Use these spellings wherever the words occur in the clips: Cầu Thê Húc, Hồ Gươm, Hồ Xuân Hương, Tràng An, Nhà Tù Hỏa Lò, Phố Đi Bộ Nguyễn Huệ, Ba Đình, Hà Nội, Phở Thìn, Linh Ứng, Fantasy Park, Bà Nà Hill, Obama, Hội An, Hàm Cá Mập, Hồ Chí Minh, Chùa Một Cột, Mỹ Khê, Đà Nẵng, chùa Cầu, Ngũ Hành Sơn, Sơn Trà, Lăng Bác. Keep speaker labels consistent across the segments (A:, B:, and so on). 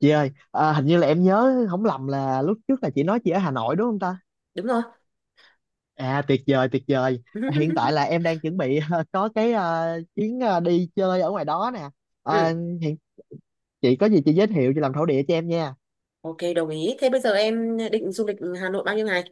A: Chị ơi, hình như là em nhớ không lầm là lúc trước là chị nói chị ở Hà Nội đúng không ta?
B: Đúng rồi.
A: À, tuyệt vời, tuyệt vời. Hiện tại là em đang chuẩn bị có cái chuyến đi chơi ở ngoài đó nè. À,
B: ừ.
A: hiện chị có gì chị giới thiệu chị làm thổ địa cho em nha.
B: Ok, đồng ý. Thế bây giờ em định du lịch Hà Nội bao nhiêu ngày?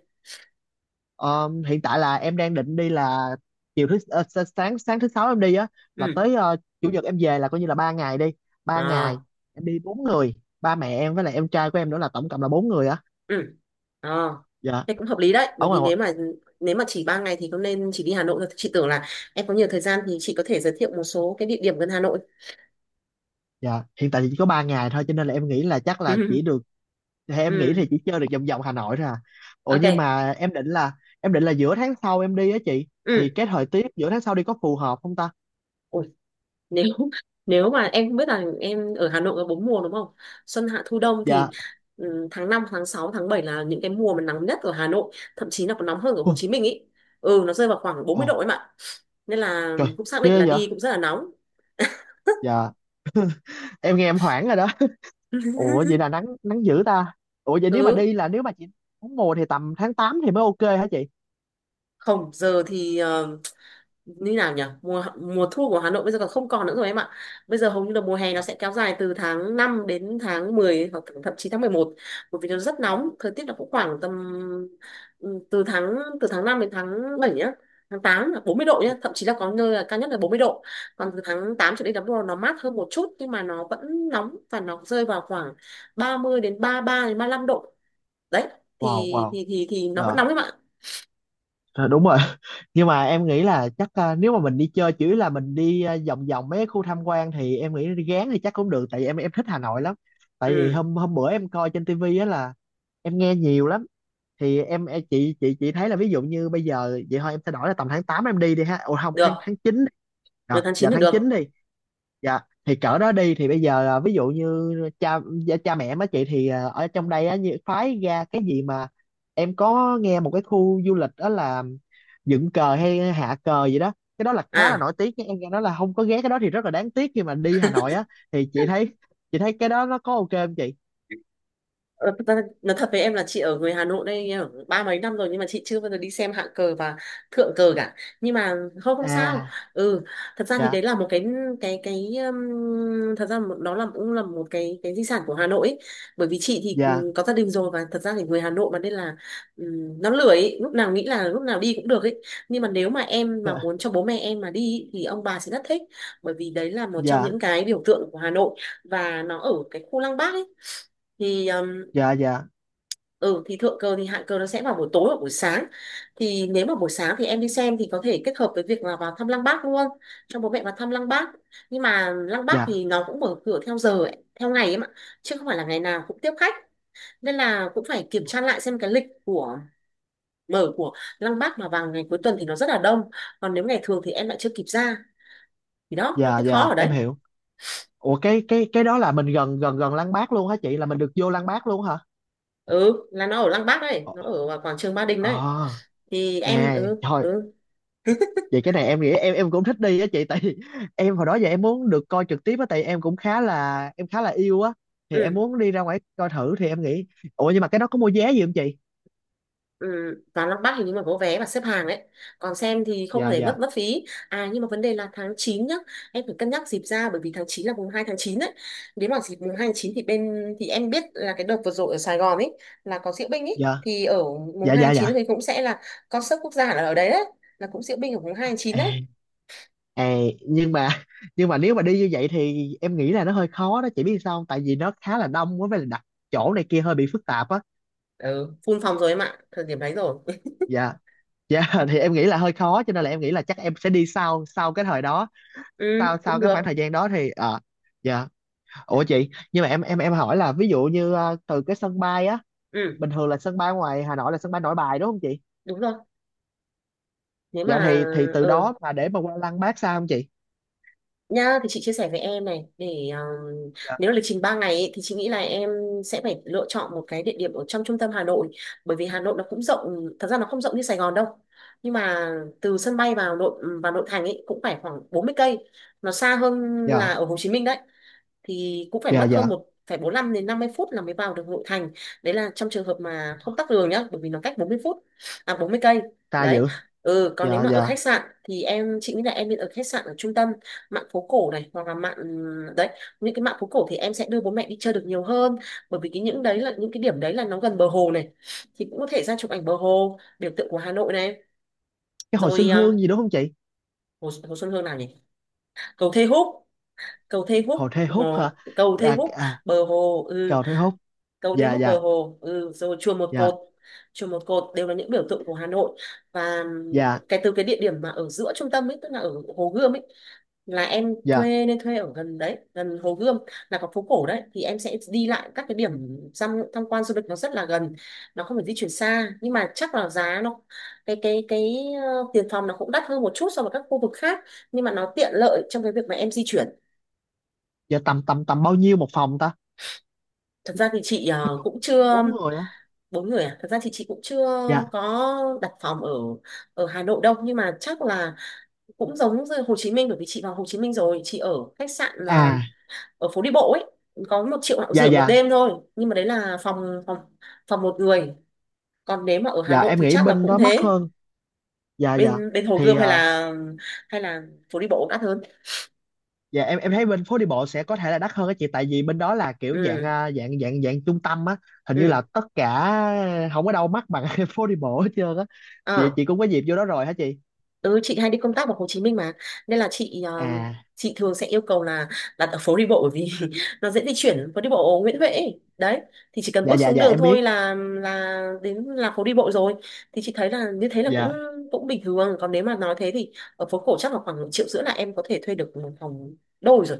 A: Ờ, Hiện tại là em đang định đi là chiều thứ ờ, sa- sáng sáng thứ sáu em đi á, là
B: ừ
A: tới chủ nhật em về, là coi như là 3 ngày đi. 3 ngày
B: à,
A: em đi 4 người, ba mẹ em với lại em trai của em nữa, là tổng cộng là 4 người á.
B: ừ à.
A: Dạ.
B: Thế cũng hợp lý đấy, bởi
A: Ở
B: vì
A: ngoài
B: nếu mà chỉ 3 ngày thì không nên chỉ đi Hà Nội thôi. Chị tưởng là em có nhiều thời gian thì chị có thể giới thiệu một số cái địa điểm gần Hà Nội.
A: Dạ, hiện tại thì chỉ có 3 ngày thôi, cho nên là em nghĩ là chắc là chỉ được, hay em nghĩ
B: ừ
A: thì chỉ chơi được vòng vòng Hà Nội thôi à. Ủa
B: ok.
A: nhưng mà em định là, giữa tháng sau em đi á chị,
B: ừ
A: thì cái thời tiết giữa tháng sau đi có phù hợp không ta?
B: Ủa, nếu nếu mà em không biết là em, ở Hà Nội có bốn mùa đúng không? Xuân hạ thu đông.
A: Dạ.
B: Thì tháng 5 tháng 6 tháng 7 là những cái mùa mà nắng nhất ở Hà Nội, thậm chí là còn nóng hơn ở
A: Ồ,
B: Hồ Chí Minh ý. Nó rơi vào khoảng bốn
A: ồ,
B: mươi độ em ạ, nên là
A: trời,
B: cũng xác định
A: ghê
B: là
A: vậy.
B: đi cũng rất là nóng.
A: Dạ. Em nghe em hoảng rồi đó. Ủa, vậy là nắng nắng dữ ta. Ủa vậy,
B: ừ
A: nếu mà chị muốn mùa thì tầm tháng 8 thì mới ok hả chị?
B: Không, giờ thì như nào nhỉ, mùa mùa thu của Hà Nội bây giờ còn không, còn nữa rồi em ạ. Bây giờ hầu như là mùa hè, nó
A: Dạ.
B: sẽ kéo dài từ tháng 5 đến tháng 10 hoặc thậm chí tháng mười một, bởi vì nó rất nóng. Thời tiết nó cũng khoảng tầm ừ, từ tháng từ tháng 5 đến tháng 7 nhá. Tháng 8 là 40 độ nhá,
A: Dạ.
B: thậm chí là có nơi là cao nhất là 40 độ. Còn từ tháng 8 trở đi là bắt đầu nó mát hơn một chút, nhưng mà nó vẫn nóng, và nó rơi vào khoảng 30 đến 33 đến 35 độ. Đấy, thì
A: Wow, wow.
B: thì thì thì nó vẫn nóng
A: Dạ.
B: em ạ.
A: Rồi, đúng rồi. Nhưng mà em nghĩ là chắc, nếu mà mình đi chơi chỉ là mình đi, vòng vòng mấy cái khu tham quan, thì em nghĩ đi Gán thì chắc cũng được, tại vì em thích Hà Nội lắm. Tại vì
B: ừ
A: hôm hôm bữa em coi trên tivi á, là em nghe nhiều lắm, thì chị thấy là, ví dụ như bây giờ vậy thôi, em sẽ đổi là tầm tháng 8 em đi đi ha, ồ không, tháng
B: Được,
A: tháng 9, đi.
B: được,
A: Đó,
B: tháng
A: giờ
B: 9 thì
A: tháng
B: được.
A: 9 đi. Dạ, thì cỡ đó đi thì bây giờ, ví dụ như cha cha mẹ má chị thì ở trong đây á, như phái ra cái gì mà em có nghe một cái khu du lịch đó là dựng cờ hay hạ cờ gì đó, cái đó là khá là
B: À.
A: nổi tiếng nha, em nghe nói là không có ghé cái đó thì rất là đáng tiếc khi mà đi Hà Nội á. Thì chị thấy, cái đó nó có ok không chị?
B: Ờ, thật ra nói thật với em là chị ở người Hà Nội đây, em ở ba mấy năm rồi, nhưng mà chị chưa bao giờ đi xem hạng cờ và thượng cờ cả. Nhưng mà không không sao.
A: À.
B: ừ Thật ra thì
A: Dạ,
B: đấy là một cái cái thật ra đó là cũng là một cái di sản của Hà Nội ấy. Bởi vì chị thì
A: dạ.
B: có gia đình rồi, và thật ra thì người Hà Nội mà, nên là nó lười ấy. Lúc nào nghĩ là lúc nào đi cũng được ấy. Nhưng mà nếu mà em mà muốn cho bố mẹ em mà đi ý, thì ông bà sẽ rất thích, bởi vì đấy là một trong
A: Dạ,
B: những cái biểu tượng của Hà Nội, và nó ở cái khu Lăng Bác ấy. Thì
A: dạ, dạ,
B: ừ, thì thượng cờ thì hạ cờ nó sẽ vào buổi tối hoặc buổi sáng. Thì nếu mà buổi sáng thì em đi xem thì có thể kết hợp với việc là vào thăm Lăng Bác luôn, cho bố mẹ vào thăm Lăng Bác. Nhưng mà Lăng Bác
A: dạ,
B: thì nó cũng mở cửa theo giờ ấy, theo ngày ấy mà, chứ không phải là ngày nào cũng tiếp khách. Nên là cũng phải kiểm tra lại xem cái lịch của mở của Lăng Bác. Mà vào ngày cuối tuần thì nó rất là đông, còn nếu ngày thường thì em lại chưa kịp ra, thì đó nó
A: dạ,
B: cái khó
A: dạ,
B: ở đấy.
A: em hiểu. Ủa, cái đó là mình gần, gần Lăng Bác luôn hả chị, là mình được vô Lăng Bác luôn hả?
B: Ừ, là nó ở Lăng Bác đấy,
A: Ờ.
B: nó ở quảng trường Ba Đình đấy.
A: Ờ.
B: Thì em
A: À thôi, vậy cái này em nghĩ em, cũng thích đi á chị, tại vì em hồi đó giờ em muốn được coi trực tiếp á, tại em cũng khá là, yêu á, thì em
B: ừ
A: muốn đi ra ngoài coi thử thì em nghĩ, ủa nhưng mà cái đó có mua vé gì không chị?
B: Ừ, vào Lăng bắc hình như mà có vé và xếp hàng đấy, còn xem thì không
A: Dạ,
B: thể
A: dạ,
B: mất mất phí. À nhưng mà vấn đề là tháng 9 nhá, em phải cân nhắc dịp ra, bởi vì tháng 9 là mùng 2 tháng 9 đấy. Nếu mà dịp mùng 2 tháng 9 thì bên, thì em biết là cái đợt vừa rồi ở Sài Gòn ấy là có diễu binh ấy,
A: dạ,
B: thì ở mùng
A: dạ,
B: 2
A: dạ,
B: tháng 9
A: dạ.
B: thì cũng sẽ là concert quốc gia là ở đấy đấy, là cũng diễu binh ở mùng hai tháng 9 đấy.
A: À, à, nhưng mà nhưng mà nếu mà đi như vậy thì em nghĩ là nó hơi khó đó chị, biết sao không? Tại vì nó khá là đông quá, với là đặt chỗ này kia hơi bị phức tạp á.
B: Ừ, Full phòng rồi em ạ, thời điểm đấy rồi.
A: Dạ. Dạ. Thì em nghĩ là hơi khó, cho nên là em nghĩ là chắc em sẽ đi sau, cái thời đó,
B: ừ
A: sau sau
B: Cũng
A: cái
B: được.
A: khoảng thời gian đó thì dạ. Ủa chị, nhưng mà em, hỏi là ví dụ như từ cái sân bay á,
B: ừ
A: bình thường là sân bay ngoài Hà Nội là sân bay Nội Bài đúng không chị?
B: Đúng rồi. Nếu mà
A: Dạ, thì từ
B: ờ
A: đó mà để mà qua Lăng Bác sao không chị?
B: Nhá, thì chị chia sẻ với em này để
A: Dạ.
B: nếu lịch trình 3 ngày ấy, thì chị nghĩ là em sẽ phải lựa chọn một cái địa điểm ở trong trung tâm Hà Nội, bởi vì Hà Nội nó cũng rộng, thật ra nó không rộng như Sài Gòn đâu, nhưng mà từ sân bay vào nội thành ấy cũng phải khoảng 40 cây, nó xa hơn là
A: Dạ,
B: ở Hồ Chí Minh đấy. Thì cũng phải
A: dạ
B: mất hơn
A: dạ,
B: một phải 45 đến 50 phút là mới vào được nội thành. Đấy là trong trường hợp mà không tắc đường nhá, bởi vì nó cách 40 phút, à 40 cây.
A: ta
B: Đấy.
A: dữ.
B: Ừ, còn nếu
A: Dạ,
B: mà ở
A: dạ.
B: khách sạn thì em, chị nghĩ là em nên ở khách sạn ở trung tâm, mạn phố cổ này, hoặc là mạn, đấy, những cái mạn phố cổ thì em sẽ đưa bố mẹ đi chơi được nhiều hơn, bởi vì cái những đấy là những cái điểm đấy là nó gần bờ hồ này, thì cũng có thể ra chụp ảnh bờ hồ, biểu tượng của Hà Nội này.
A: Cái hồ Xuân
B: Rồi à,
A: Hương gì đúng không chị?
B: hồ Xuân Hương nào nhỉ, cầu Thê Húc, cầu Thê
A: Hồ
B: Húc,
A: Thê Húc hả?
B: cầu Thê
A: Dạ,
B: Húc, bờ hồ, ừ,
A: cầu Thê Húc.
B: cầu Thế
A: Dạ,
B: Húc,
A: dạ,
B: bờ hồ, ừ, rồi chùa Một
A: dạ,
B: Cột. Chùa Một Cột đều là những biểu tượng của Hà Nội. Và
A: dạ,
B: cái từ cái địa điểm mà ở giữa trung tâm ấy, tức là ở Hồ Gươm ấy, là em
A: dạ.
B: thuê nên thuê ở gần đấy, gần Hồ Gươm, là có phố cổ đấy, thì em sẽ đi lại các cái điểm tham tham quan du lịch nó rất là gần, nó không phải di chuyển xa. Nhưng mà chắc là giá nó, cái tiền phòng nó cũng đắt hơn một chút so với các khu vực khác, nhưng mà nó tiện lợi trong cái việc mà em di chuyển.
A: Dạ, tầm tầm tầm bao nhiêu một phòng ta?
B: Thật ra thì chị cũng chưa,
A: 4 người á.
B: bốn người à? Thật ra thì chị cũng chưa
A: Dạ.
B: có đặt phòng ở ở Hà Nội đâu, nhưng mà chắc là cũng giống như Hồ Chí Minh, bởi vì chị vào Hồ Chí Minh rồi, chị ở khách sạn
A: À,
B: ở phố đi bộ ấy, có một triệu rưỡi
A: dạ,
B: rưỡi một
A: dạ,
B: đêm thôi, nhưng mà đấy là phòng phòng phòng một người. Còn nếu mà ở Hà
A: dạ,
B: Nội
A: em
B: thì
A: nghĩ
B: chắc là
A: bên
B: cũng
A: đó mắc
B: thế.
A: hơn. Dạ, dạ,
B: Bên bên Hồ
A: thì
B: Gươm hay là, hay là phố đi bộ cũng đắt hơn.
A: dạ em, thấy bên phố đi bộ sẽ có thể là đắt hơn á chị, tại vì bên đó là kiểu dạng,
B: ừ
A: dạng trung tâm á, hình như là
B: ừ
A: tất cả không có đâu mắc bằng phố đi bộ hết trơn á. chị
B: Ờ.
A: chị cũng có dịp vô đó rồi hả chị?
B: Ừ, chị hay đi công tác vào Hồ Chí Minh mà, nên là chị
A: À,
B: chị thường sẽ yêu cầu là đặt ở phố đi bộ, bởi vì nó dễ di chuyển, phố đi bộ Nguyễn Huệ ấy. Đấy, thì chỉ cần
A: dạ,
B: bước
A: dạ,
B: xuống
A: dạ,
B: đường
A: em
B: thôi
A: biết.
B: là đến là phố đi bộ rồi. Thì chị thấy là như thế là cũng
A: Dạ,
B: cũng bình thường. Còn nếu mà nói thế thì ở phố cổ chắc là khoảng một triệu rưỡi là em có thể thuê được một phòng đôi rồi.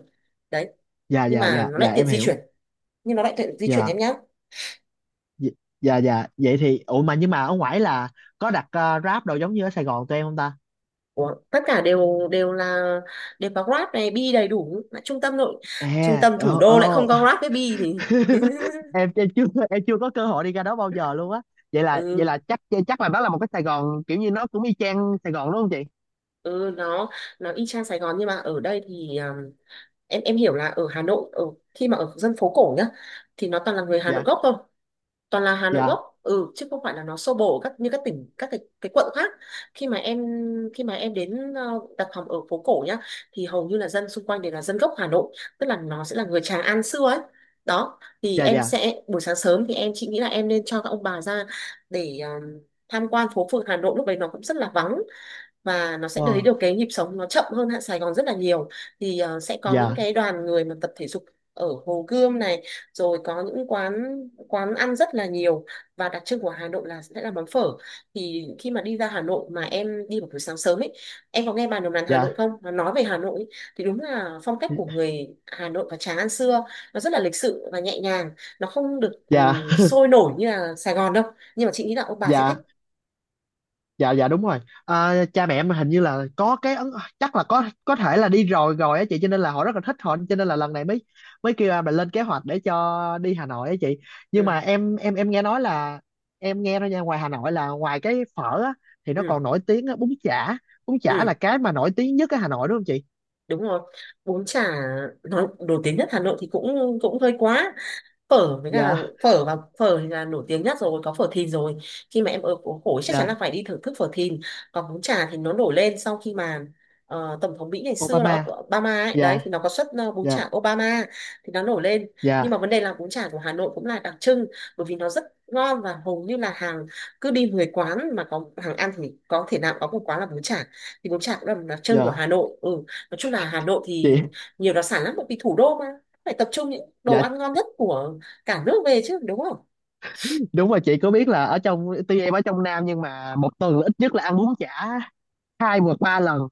B: Đấy.
A: dạ,
B: Nhưng
A: dạ,
B: mà
A: dạ,
B: nó
A: dạ,
B: lại tiện
A: em
B: di
A: hiểu.
B: chuyển, nhưng nó lại tiện di chuyển em
A: Dạ,
B: nhá.
A: dạ, dạ, dạ. Vậy thì, ủa mà nhưng mà ở ngoài là có đặt, Grab đồ giống như ở Sài Gòn tụi em không ta?
B: Ủa, tất cả đều đều là đều có Grab này, Bi đầy đủ. Lại trung tâm trung
A: À,
B: tâm thủ đô lại không có Grab với Bi thì.
A: em, chưa có cơ hội đi ra đó bao giờ luôn á. Vậy là,
B: ừ
A: chắc, là đó là một cái Sài Gòn kiểu như nó cũng y chang Sài Gòn đúng không chị?
B: ừ nó nó y chang Sài Gòn, nhưng mà ở đây thì em hiểu là ở Hà Nội, ở khi mà ở dân phố cổ nhá, thì nó toàn là người Hà Nội
A: Dạ,
B: gốc thôi, toàn là Hà Nội
A: dạ,
B: gốc. Ừ, chứ không phải là nó xô bồ các như các tỉnh, các cái quận khác. khi mà em Khi mà em đến đặt phòng ở phố cổ nhá, thì hầu như là dân xung quanh đều là dân gốc Hà Nội, tức là nó sẽ là người Tràng An xưa ấy. Đó thì
A: dạ,
B: em
A: dạ,
B: sẽ buổi sáng sớm thì em, chị nghĩ là em nên cho các ông bà ra để tham quan phố phường Hà Nội. Lúc đấy nó cũng rất là vắng, và nó sẽ thấy
A: wow,
B: được cái nhịp sống nó chậm hơn hạ Sài Gòn rất là nhiều. Thì sẽ có những
A: dạ,
B: cái đoàn người mà tập thể dục ở Hồ Gươm này, rồi có những quán, quán ăn rất là nhiều. Và đặc trưng của Hà Nội là sẽ là món phở. Thì khi mà đi ra Hà Nội mà em đi vào buổi sáng sớm ấy, em có nghe bà đồng đàn Hà Nội
A: dạ,
B: không, nó nói về Hà Nội ấy, thì đúng là phong cách của người Hà Nội và Tràng An xưa, nó rất là lịch sự và nhẹ nhàng, nó không được
A: dạ,
B: sôi nổi như là Sài Gòn đâu. Nhưng mà chị nghĩ là ông bà sẽ thích.
A: dạ, dạ, dạ, đúng rồi. Cha mẹ em hình như là có cái ấn, chắc là có thể là đi rồi rồi á chị, cho nên là họ rất là thích, họ cho nên là lần này mới, kêu em là lên kế hoạch để cho đi Hà Nội á chị. Nhưng
B: ừ,
A: mà em, nghe nói là, em nghe nói nha, ngoài Hà Nội là ngoài cái phở á, thì nó còn
B: ừ,
A: nổi tiếng á, bún chả, bún chả là
B: ừ,
A: cái mà nổi tiếng nhất ở Hà Nội đúng không chị?
B: Đúng rồi. Bún chả, nói nổi tiếng nhất Hà Nội thì cũng cũng hơi quá. Phở với cả
A: Dạ,
B: phở, và phở thì là nổi tiếng nhất rồi, có phở Thìn rồi. Khi mà em ở phố cổ chắc chắn là
A: dạ.
B: phải đi thưởng thức phở Thìn. Còn bún chả thì nó nổi lên sau khi mà tổng thống Mỹ ngày xưa là
A: Obama.
B: Obama ấy đấy, thì
A: Dạ,
B: nó có xuất bún
A: dạ,
B: chả Obama thì nó nổi lên. Nhưng mà
A: dạ,
B: vấn đề là bún chả của Hà Nội cũng là đặc trưng, bởi vì nó rất ngon và hầu như là hàng, cứ đi 10 quán mà có hàng ăn thì có thể nào có một quán là bún chả. Thì bún chả cũng là một đặc trưng của Hà
A: dạ,
B: Nội, ừ. Nói chung là Hà Nội thì
A: chị.
B: nhiều đặc sản lắm, bởi vì thủ đô mà, phải tập trung những đồ
A: Dạ,
B: ăn ngon nhất của cả nước về chứ, đúng không?
A: đúng rồi chị. Có biết là ở trong, tuy em ở trong Nam nhưng mà một tuần là ít nhất là ăn bún chả hai vượt ba lần,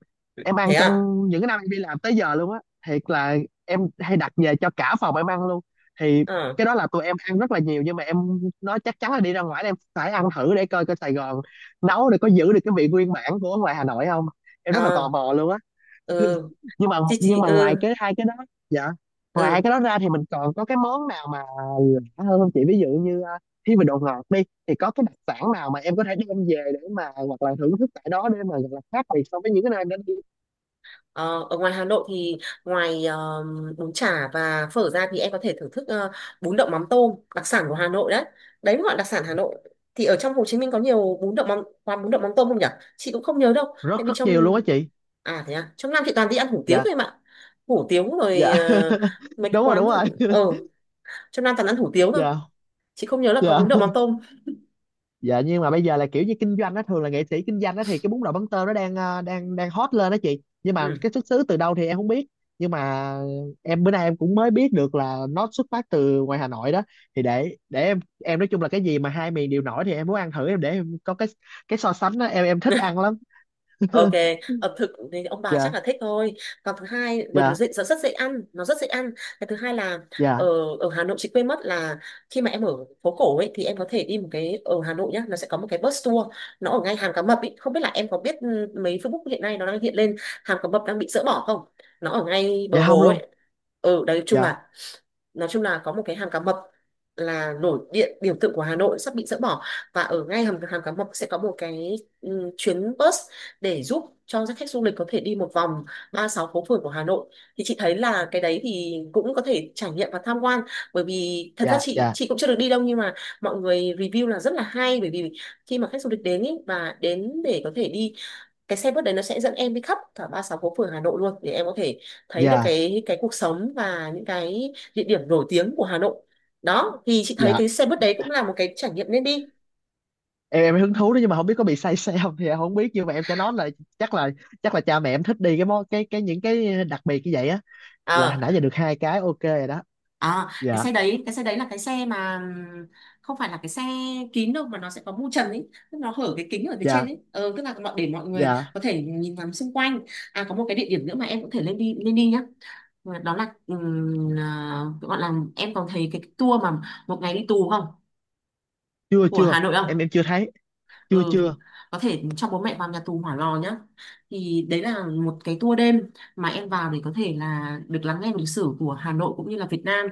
A: em
B: Thế
A: ăn
B: à?
A: trong những cái năm em đi làm tới giờ luôn á. Thiệt là, em hay đặt về cho cả phòng em ăn luôn, thì
B: Ờ,
A: cái đó là tụi em ăn rất là nhiều. Nhưng mà em nói chắc chắn là đi ra ngoài em phải ăn thử để coi coi Sài Gòn nấu để có giữ được cái vị nguyên bản của ngoài Hà Nội không, em rất là tò
B: à,
A: mò luôn á.
B: ừ.
A: Nhưng mà,
B: Chị ừ,
A: ngoài cái hai cái đó, dạ, ngoài hai
B: ừ.
A: cái đó ra thì mình còn có cái món nào mà lạ hơn không chị, ví dụ như khi về đồ ngọt đi, thì có cái đặc sản nào mà em có thể đem về để mà, hoặc là thưởng thức tại đó, để mà gọi là khác biệt so với những cái nơi em đã đi.
B: Ờ, Ở ngoài Hà Nội thì ngoài bún chả và phở ra thì em có thể thưởng thức bún đậu mắm tôm, đặc sản của Hà Nội đấy. Đấy mới gọi là đặc sản Hà Nội. Thì ở trong Hồ Chí Minh có nhiều bún đậu mắm, quán bún đậu mắm tôm không nhỉ? Chị cũng không nhớ đâu tại
A: Rất
B: vì
A: rất
B: trong...
A: nhiều luôn á chị.
B: À, thế à? Trong Nam chị toàn đi ăn hủ tiếu
A: Dạ,
B: thôi em ạ. Hủ tiếu rồi,
A: dạ.
B: mấy cái
A: Đúng rồi,
B: quán
A: đúng rồi.
B: ở trong Nam toàn ăn hủ tiếu thôi.
A: Dạ,
B: Chị không nhớ là có
A: dạ,
B: bún đậu mắm tôm.
A: dạ. Nhưng mà bây giờ là kiểu như kinh doanh, nó thường là nghệ sĩ kinh doanh đó, thì cái bún đậu mắm tôm nó đang, đang, hot lên đó chị, nhưng mà
B: Ừ.
A: cái xuất xứ từ đâu thì em không biết. Nhưng mà em bữa nay em cũng mới biết được là nó xuất phát từ ngoài Hà Nội đó. Thì để, em, nói chung là cái gì mà hai miền đều nổi thì em muốn ăn thử, em để em có cái, so sánh đó, em thích ăn lắm.
B: Ok, ẩm thực thì ông bà chắc
A: Dạ,
B: là thích thôi. Còn thứ hai, bởi vì
A: dạ,
B: nó
A: dạ,
B: dễ, nó rất dễ ăn, nó rất dễ ăn. Cái thứ hai là ở,
A: dạ,
B: ở Hà Nội chị quên mất là khi mà em ở phố cổ ấy thì em có thể đi một cái, ở Hà Nội nhá, nó sẽ có một cái bus tour, nó ở ngay Hàm Cá Mập ấy. Không biết là em có biết ừ, mấy Facebook hiện nay nó đang hiện lên Hàm Cá Mập đang bị dỡ bỏ không? Nó ở ngay bờ
A: dạ, không
B: hồ
A: luôn.
B: ấy. Ừ, đấy chung
A: Dạ,
B: là nói chung là có một cái hàm cá mập là nổi điện biểu tượng của Hà Nội sắp bị dỡ bỏ, và ở ngay hầm hàm cá mập sẽ có một cái chuyến bus để giúp cho các khách du lịch có thể đi một vòng 36 phố phường của Hà Nội. Thì chị thấy là cái đấy thì cũng có thể trải nghiệm và tham quan, bởi vì thật ra
A: dạ,
B: chị
A: dạ,
B: chị cũng chưa được đi đâu, nhưng mà mọi người review là rất là hay, bởi vì khi mà khách du lịch đến ý, và đến để có thể đi cái xe buýt đấy, nó sẽ dẫn em đi khắp cả 36 phố phường Hà Nội luôn để em có thể thấy được
A: dạ,
B: cái cuộc sống và những cái địa điểm nổi tiếng của Hà Nội. Đó thì chị thấy
A: dạ,
B: cái xe buýt đấy cũng là một cái trải nghiệm nên đi.
A: em, hứng thú đó, nhưng mà không biết có bị say xe không thì em không biết, nhưng mà em sẽ nói là chắc là, cha mẹ em thích đi cái món cái những cái đặc biệt như vậy á, là hồi
B: Ờ,
A: nãy giờ được hai cái ok rồi đó.
B: à, cái
A: Dạ,
B: xe đấy, cái xe đấy là cái xe mà không phải là cái xe kín đâu, mà nó sẽ có mu trần ấy, tức nó hở cái kính ở phía trên
A: dạ,
B: ấy, tức là mọi, để mọi người
A: dạ,
B: có thể nhìn ngắm xung quanh. À, có một cái địa điểm nữa mà em có thể lên đi, lên đi nhá. Và đó là gọi là em còn thấy cái tour mà một ngày đi tù không
A: chưa,
B: của
A: chưa,
B: Hà Nội không?
A: em, chưa thấy, chưa,
B: Ừ,
A: chưa,
B: có thể cho bố mẹ vào nhà tù Hỏa Lò nhá. Thì đấy là một cái tour đêm mà em vào để có thể là được lắng nghe lịch sử của Hà Nội cũng như là Việt Nam.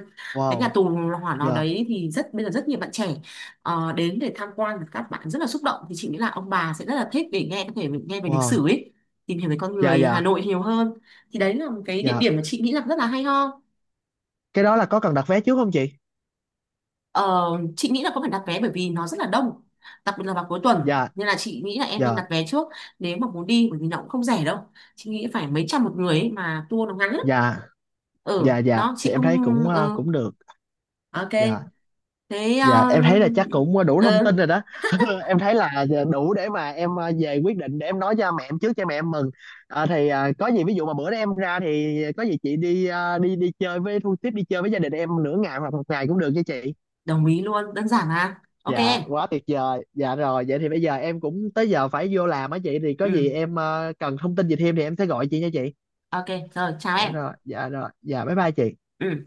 B: Cái nhà
A: wow,
B: tù Hỏa Lò
A: dạ,
B: đấy thì rất, bây giờ rất nhiều bạn trẻ đến để tham quan, các bạn rất là xúc động, thì chị nghĩ là ông bà sẽ rất là thích để nghe, có thể nghe về lịch sử
A: wow,
B: ấy, tìm hiểu về con
A: dạ,
B: người Hà
A: dạ,
B: Nội nhiều hơn. Thì đấy là một cái địa
A: dạ.
B: điểm mà chị nghĩ là rất là hay ho.
A: Cái đó là có cần đặt vé trước không chị?
B: Ờ, chị nghĩ là có phải đặt vé, bởi vì nó rất là đông, đặc biệt là vào cuối tuần,
A: Dạ,
B: nên là chị nghĩ là em nên
A: dạ,
B: đặt vé trước nếu mà muốn đi, bởi vì nó cũng không rẻ đâu, chị nghĩ phải mấy trăm một người ấy, mà tour nó ngắn lắm.
A: dạ,
B: Ừ,
A: dạ, dạ,
B: đó
A: thì
B: chị
A: em thấy
B: không.
A: cũng,
B: Ừ,
A: cũng được.
B: ok.
A: Dạ.
B: Thế
A: Dạ,
B: ờ,
A: em thấy là chắc cũng đủ thông tin
B: ừ,
A: rồi đó. Em thấy là đủ để mà em, về quyết định, để em nói cho mẹ em trước cho mẹ em mừng. Ờ, thì có gì ví dụ mà bữa đó em ra thì có gì chị đi, đi chơi với thu tiếp, đi chơi với gia đình em nửa ngày hoặc một ngày cũng được nha chị.
B: đồng ý luôn, đơn giản mà, ok
A: Dạ,
B: em.
A: quá tuyệt vời. Dạ rồi, vậy thì bây giờ em cũng tới giờ phải vô làm á chị. Thì có
B: Ừ,
A: gì em, cần thông tin gì thêm thì em sẽ gọi chị nha chị.
B: ok, rồi chào
A: Dạ
B: em.
A: rồi, dạ rồi, dạ, bye bye chị.
B: Ừ.